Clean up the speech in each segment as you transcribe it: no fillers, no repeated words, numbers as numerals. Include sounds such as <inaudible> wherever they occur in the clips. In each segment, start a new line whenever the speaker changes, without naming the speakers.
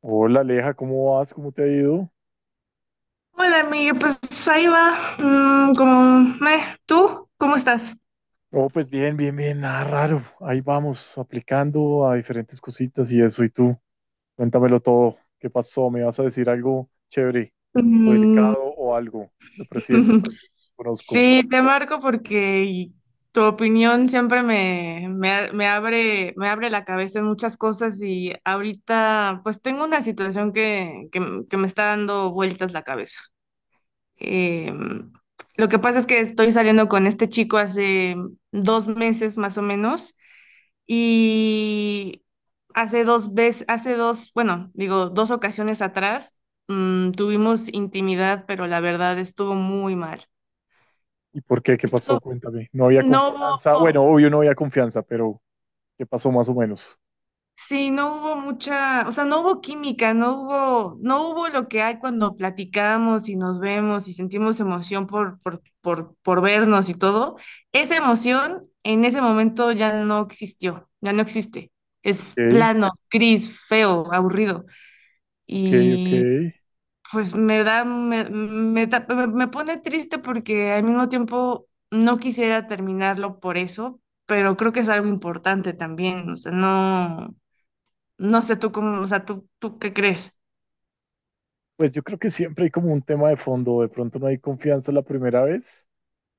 Hola Aleja, ¿cómo vas? ¿Cómo te ha ido?
Hola, amiga, pues ahí va. Como, meh. ¿Tú cómo estás?
Oh, pues bien, bien, bien, nada raro. Ahí vamos, aplicando a diferentes cositas y eso. ¿Y tú? Cuéntamelo todo. ¿Qué pasó? ¿Me vas a decir algo chévere o
Mm.
delicado o algo del presidente que
<laughs>
conozco?
Sí, te marco porque tu opinión siempre me abre, me abre la cabeza en muchas cosas y ahorita pues tengo una situación que me está dando vueltas la cabeza. Eh, lo que pasa es que estoy saliendo con este chico hace dos meses más o menos. Y hace dos veces, hace dos, bueno, digo, dos ocasiones atrás, tuvimos intimidad, pero la verdad estuvo muy mal.
¿Y por qué? ¿Qué pasó?
Estuvo,
Cuéntame. No había
no
confianza. Bueno,
hubo,
obvio no había confianza, pero ¿qué pasó más o menos?
sí, no hubo mucha, o sea, no hubo química, no hubo, no hubo lo que hay cuando platicamos y nos vemos y sentimos emoción por vernos y todo. Esa emoción en ese momento ya no existió, ya no existe. Es
Ok,
plano, gris, feo, aburrido.
ok, ok.
Pues me da, me pone triste porque al mismo tiempo no quisiera terminarlo por eso, pero creo que es algo importante también, o sea, no, no sé tú cómo, o sea, tú qué crees.
Pues yo creo que siempre hay como un tema de fondo. De pronto no hay confianza la primera vez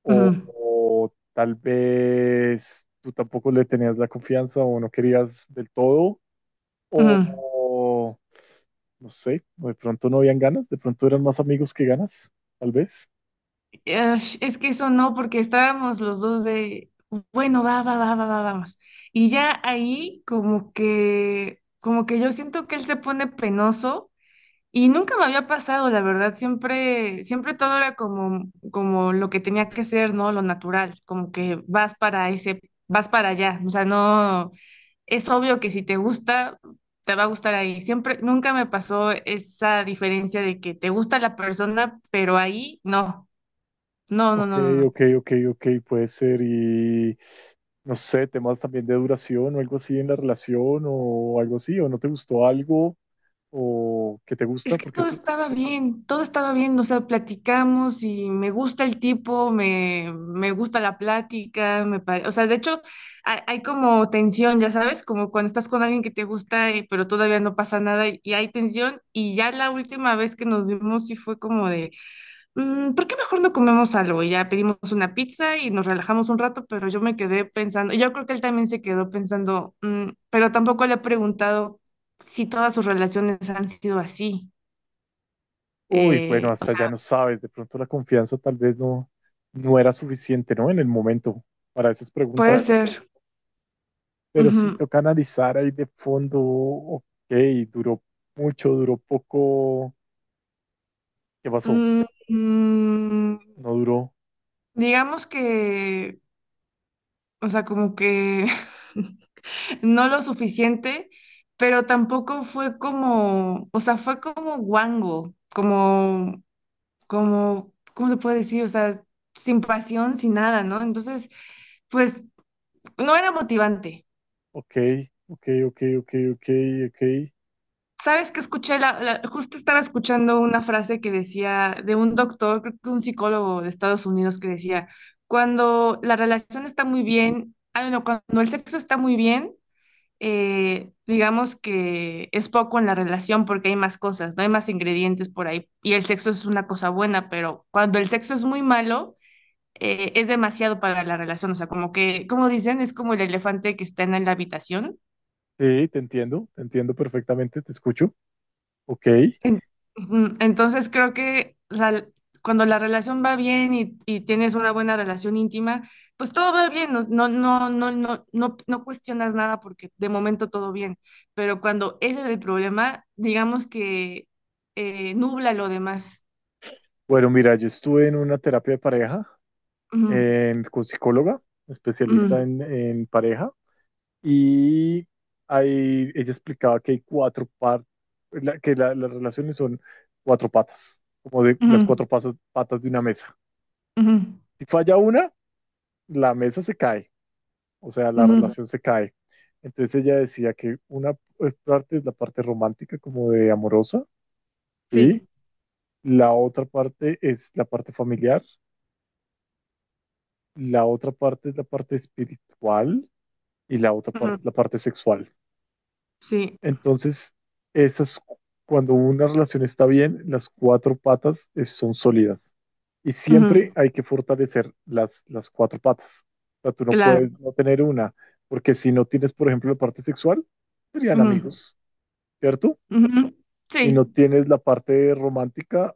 o,
Ujú,
o tal vez tú tampoco le tenías la confianza o no querías del todo, o,
ujú.
o no sé, o de pronto no habían ganas, de pronto eran más amigos que ganas, tal vez.
Ash, es que eso no, porque estábamos los dos de, bueno, vamos. Y ya ahí como que yo siento que él se pone penoso. Y nunca me había pasado, la verdad, siempre todo era como, como lo que tenía que ser, ¿no? Lo natural, como que vas para ese, vas para allá. O sea, no, es obvio que si te gusta, te va a gustar ahí. Siempre, nunca me pasó esa diferencia de que te gusta la persona, pero ahí no. No, no,
Ok,
no, no, no.
ok, ok, ok, puede ser. Y no sé, temas también de duración o algo así en la relación o algo así, o no te gustó algo o que te gusta,
Es que
porque es-
todo estaba bien, o sea, platicamos y me gusta el tipo, me gusta la plática, o sea, de hecho, hay como tensión, ya sabes, como cuando estás con alguien que te gusta, pero todavía no pasa nada y hay tensión, y ya la última vez que nos vimos sí fue como de, "Mm, ¿por qué mejor no comemos algo?". Y ya pedimos una pizza y nos relajamos un rato, pero yo me quedé pensando, y yo creo que él también se quedó pensando, "Mm", pero tampoco le he preguntado si todas sus relaciones han sido así.
Uy, bueno,
O
hasta ya
sea,
no sabes, de pronto la confianza tal vez no, no era suficiente, ¿no? En el momento para esas
puede
preguntas,
ser.
pero sí
Ujú.
toca analizar ahí de fondo, ok, duró mucho, duró poco, ¿qué pasó?
Mm, mm,
No duró,
digamos que, o sea, como que <laughs> no lo suficiente, pero tampoco fue como, o sea, fue como guango, como, como, ¿cómo se puede decir? O sea, sin pasión, sin nada, ¿no? Entonces, pues no era motivante.
ok, ok, ok, ok, ok, ok.
¿Sabes que escuché? Justo estaba escuchando una frase que decía de un doctor, creo que un psicólogo de Estados Unidos, que decía, cuando la relación está muy bien, ah, no, cuando el sexo está muy bien, digamos que es poco en la relación porque hay más cosas, no hay más ingredientes por ahí. Y el sexo es una cosa buena, pero cuando el sexo es muy malo, es demasiado para la relación. O sea, como que, como dicen, es como el elefante que está en la habitación.
Sí, te entiendo perfectamente, te escucho, ok.
En- ujú. Entonces creo que cuando la relación va bien y tienes una buena relación íntima, pues todo va bien, no cuestionas nada porque de momento todo bien. Pero cuando ese es el problema, digamos que nubla lo demás.
Bueno, mira, yo estuve en una terapia de pareja
Ujú,
en- con psicóloga, especialista
ujú,
en pareja. Y ahí ella explicaba que hay cuatro partes, que la- las relaciones son cuatro patas, como de las
ujú,
cuatro pasas- patas de una mesa.
ujú,
Si falla una, la mesa se cae, o sea, la
ujú.
relación se cae. Entonces ella decía que una parte es la parte romántica, como de amorosa, y
Sí,
la otra parte es la parte familiar, la otra parte es la parte espiritual y la otra
ujú,
parte es la parte sexual.
sí,
Entonces, esas, cuando una relación está bien, las cuatro patas es- son sólidas. Y siempre
ujú,
hay que fortalecer las cuatro patas. O sea, tú no
claro.
puedes no tener una, porque si no tienes, por ejemplo, la parte sexual, serían
Ujú,
amigos, ¿cierto?
ujú.
Si no
Sí,
tienes la parte romántica,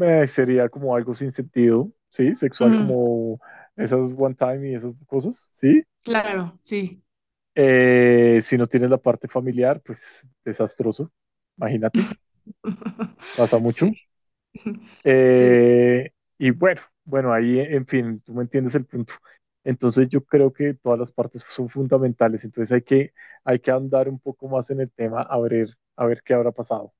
sería como algo sin sentido, ¿sí? Sexual
ujú,
como esas one time y esas cosas, ¿sí?
claro, sí.
Si no tienes la parte familiar, pues desastroso, imagínate. Pasa
<laughs> Sí.
mucho.
<laughs> Sí,
Y bueno, bueno, ahí, en fin, tú me entiendes el punto. Entonces yo creo que todas las partes son fundamentales, entonces hay que andar un poco más en el tema a ver qué habrá pasado.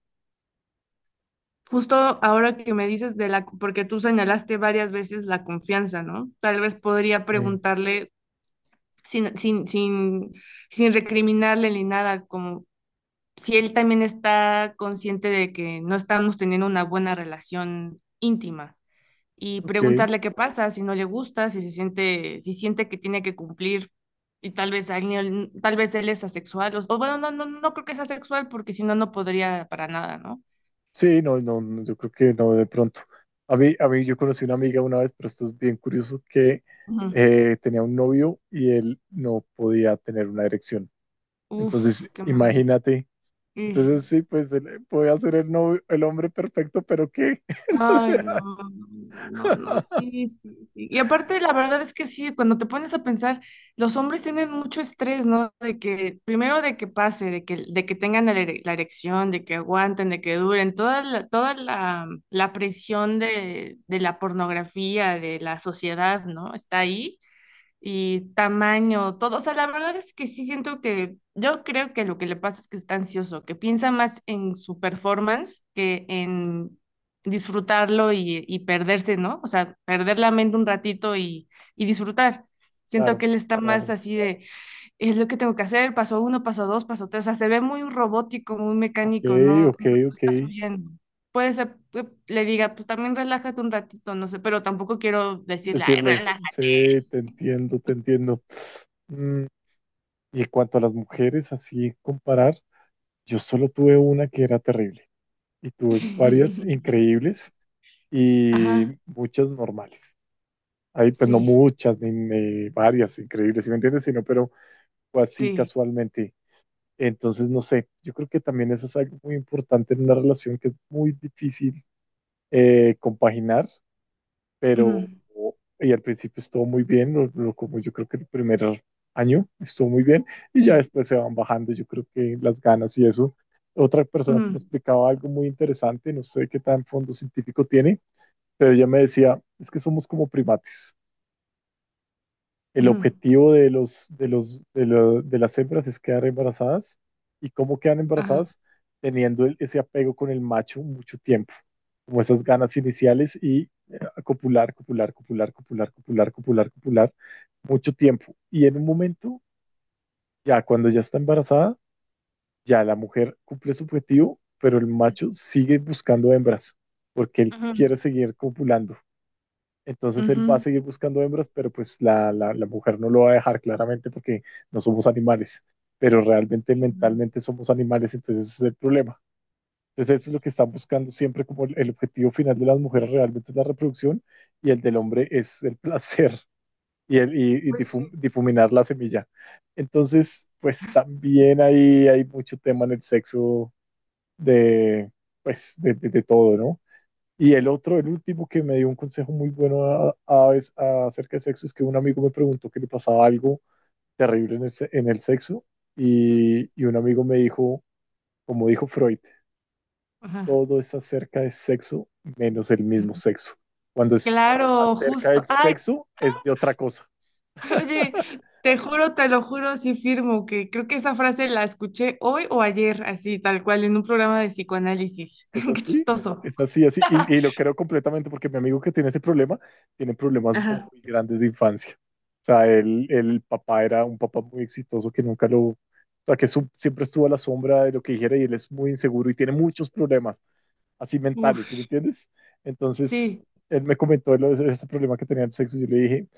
justo ahora que me dices de la, porque tú señalaste varias veces la confianza, ¿no? Tal vez podría
Eh,
preguntarle sin, sin, sin, sin recriminarle ni nada, como si él también está consciente de que no estamos teniendo una buena relación íntima y
ok,
preguntarle qué pasa, si no le gusta, si se siente, si siente que tiene que cumplir y tal vez él es asexual o bueno, no, no, no creo que sea asexual porque si no, no podría para nada,
sí, no, no, no, yo creo que no de pronto. A mí yo conocí una amiga una vez, pero esto es bien curioso, que
¿no?
tenía un novio y él no podía tener una erección. Entonces,
Uf, qué mal.
imagínate.
Y-
Entonces sí, pues él podía ser el, novio- el hombre perfecto, pero ¿qué? <laughs> No sé.
ay, no, no, no, sí, sí, sí. Y aparte, la verdad es que sí, cuando te pones a pensar, los hombres tienen mucho estrés, ¿no? De que, primero de que pase, de que tengan la erección, de que aguanten, de que duren, toda la, la presión de la pornografía, de la sociedad, ¿no? Está ahí. Y tamaño, todo. O sea, la verdad es que sí siento que yo creo que lo que le pasa es que está ansioso, que piensa más en su performance que en disfrutarlo y perderse, ¿no? O sea, perder la mente un ratito y disfrutar. Siento
Claro,
que él está más
claro.
así de, es lo que tengo que hacer, paso uno, paso dos, paso tres. O sea, se ve muy robótico, muy
Ok,
mecánico, no,
ok,
no
ok.
está fluyendo. Puede ser, que le diga, pues también relájate un ratito, no sé, pero tampoco quiero decirle, ay,
Decirle, sí,
relájate.
te entiendo, te entiendo. Mm, y en cuanto a las mujeres, así comparar, yo solo tuve una que era terrible y tuve varias
<laughs>
increíbles y
Ajá,
muchas normales. Ahí pues no
sí,
muchas, ni, ni varias increíbles, ¿si me entiendes? Sino, pero fue así
sí,
casualmente. Entonces, no sé, yo creo que también eso es algo muy importante en una relación que es muy difícil compaginar, pero
ujú,
y al principio estuvo muy bien, lo- como yo creo que el primer año estuvo muy bien, y ya
sí,
después se van bajando, yo creo que las ganas y eso. Otra persona que me
ujú,
explicaba algo muy interesante, no sé qué tan fondo científico tiene, pero ella me decía, es que somos como primates. El
ujú,
objetivo de los, de los, de lo- de las hembras es quedar embarazadas. ¿Y cómo quedan
ajá,
embarazadas? Teniendo el- ese apego con el macho mucho tiempo, como esas ganas iniciales y copular, copular, copular, copular, copular, copular, copular, mucho tiempo. Y en un momento, ya cuando ya está embarazada, ya la mujer cumple su objetivo, pero el macho sigue buscando hembras, porque él quiere
ujú,
seguir copulando. Entonces él va a
ujú.
seguir buscando hembras, pero pues la mujer no lo va a dejar claramente porque no somos animales, pero realmente
Sí, no.
mentalmente somos animales, entonces ese es el problema. Entonces eso es lo que están buscando siempre como el objetivo final de las mujeres realmente es la reproducción y el del hombre es el <laughs> placer y, el, y
Pues sí.
difum- difuminar la semilla. Entonces, pues también ahí hay mucho tema en el sexo de, pues, de todo, ¿no? Y el otro, el último que me dio un consejo muy bueno a- vez- a- acerca de sexo es que un amigo me preguntó que le pasaba algo terrible en el, se- en el sexo
Ujú.
y un amigo me dijo, como dijo Freud,
Ajá.
todo es acerca de sexo menos el mismo sexo. Cuando es a-
Claro,
acerca
justo.
del
Ay,
sexo es de otra cosa.
<laughs> oye, te juro, te lo juro, sí firmo que creo que esa frase la escuché hoy o ayer, así, tal cual, en un programa de psicoanálisis.
Es
<laughs> Qué
así,
chistoso.
es así, así. Y lo
<laughs>
creo completamente porque mi amigo que tiene ese problema tiene problemas
Ajá.
muy grandes de infancia. O sea, él, el papá era un papá muy exitoso que nunca lo, o sea, que su- siempre estuvo a la sombra de lo que dijera y él es muy inseguro y tiene muchos problemas, así mentales, ¿sí me
Uf,
entiendes? Entonces,
sí.
él me comentó lo de ese problema que tenía el sexo y yo le dije,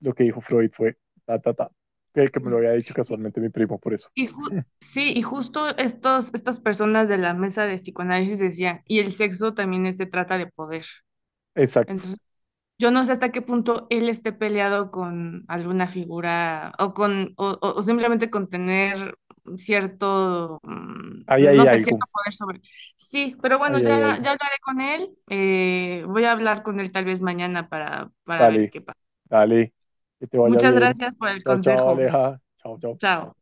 lo que dijo Freud fue, ta, ta, ta, que me lo
Sí.
había dicho casualmente mi primo, por eso.
Sí, y justo estos, estas personas de la mesa de psicoanálisis decían, y el sexo también se trata de poder.
Exacto,
Entonces, yo no sé hasta qué punto él esté peleado con alguna figura o con o, o simplemente con tener cierto,
ahí hay
no sé, cierto
algo,
poder sobre. Sí, pero bueno,
ahí
ya,
hay algo.
ya hablaré con él. Voy a hablar con él tal vez mañana para ver
Dale.
qué pasa.
Dale, que te vaya
Muchas
bien.
gracias por el
Chao, chao,
consejo.
Aleja. Chao, chao.
Chao.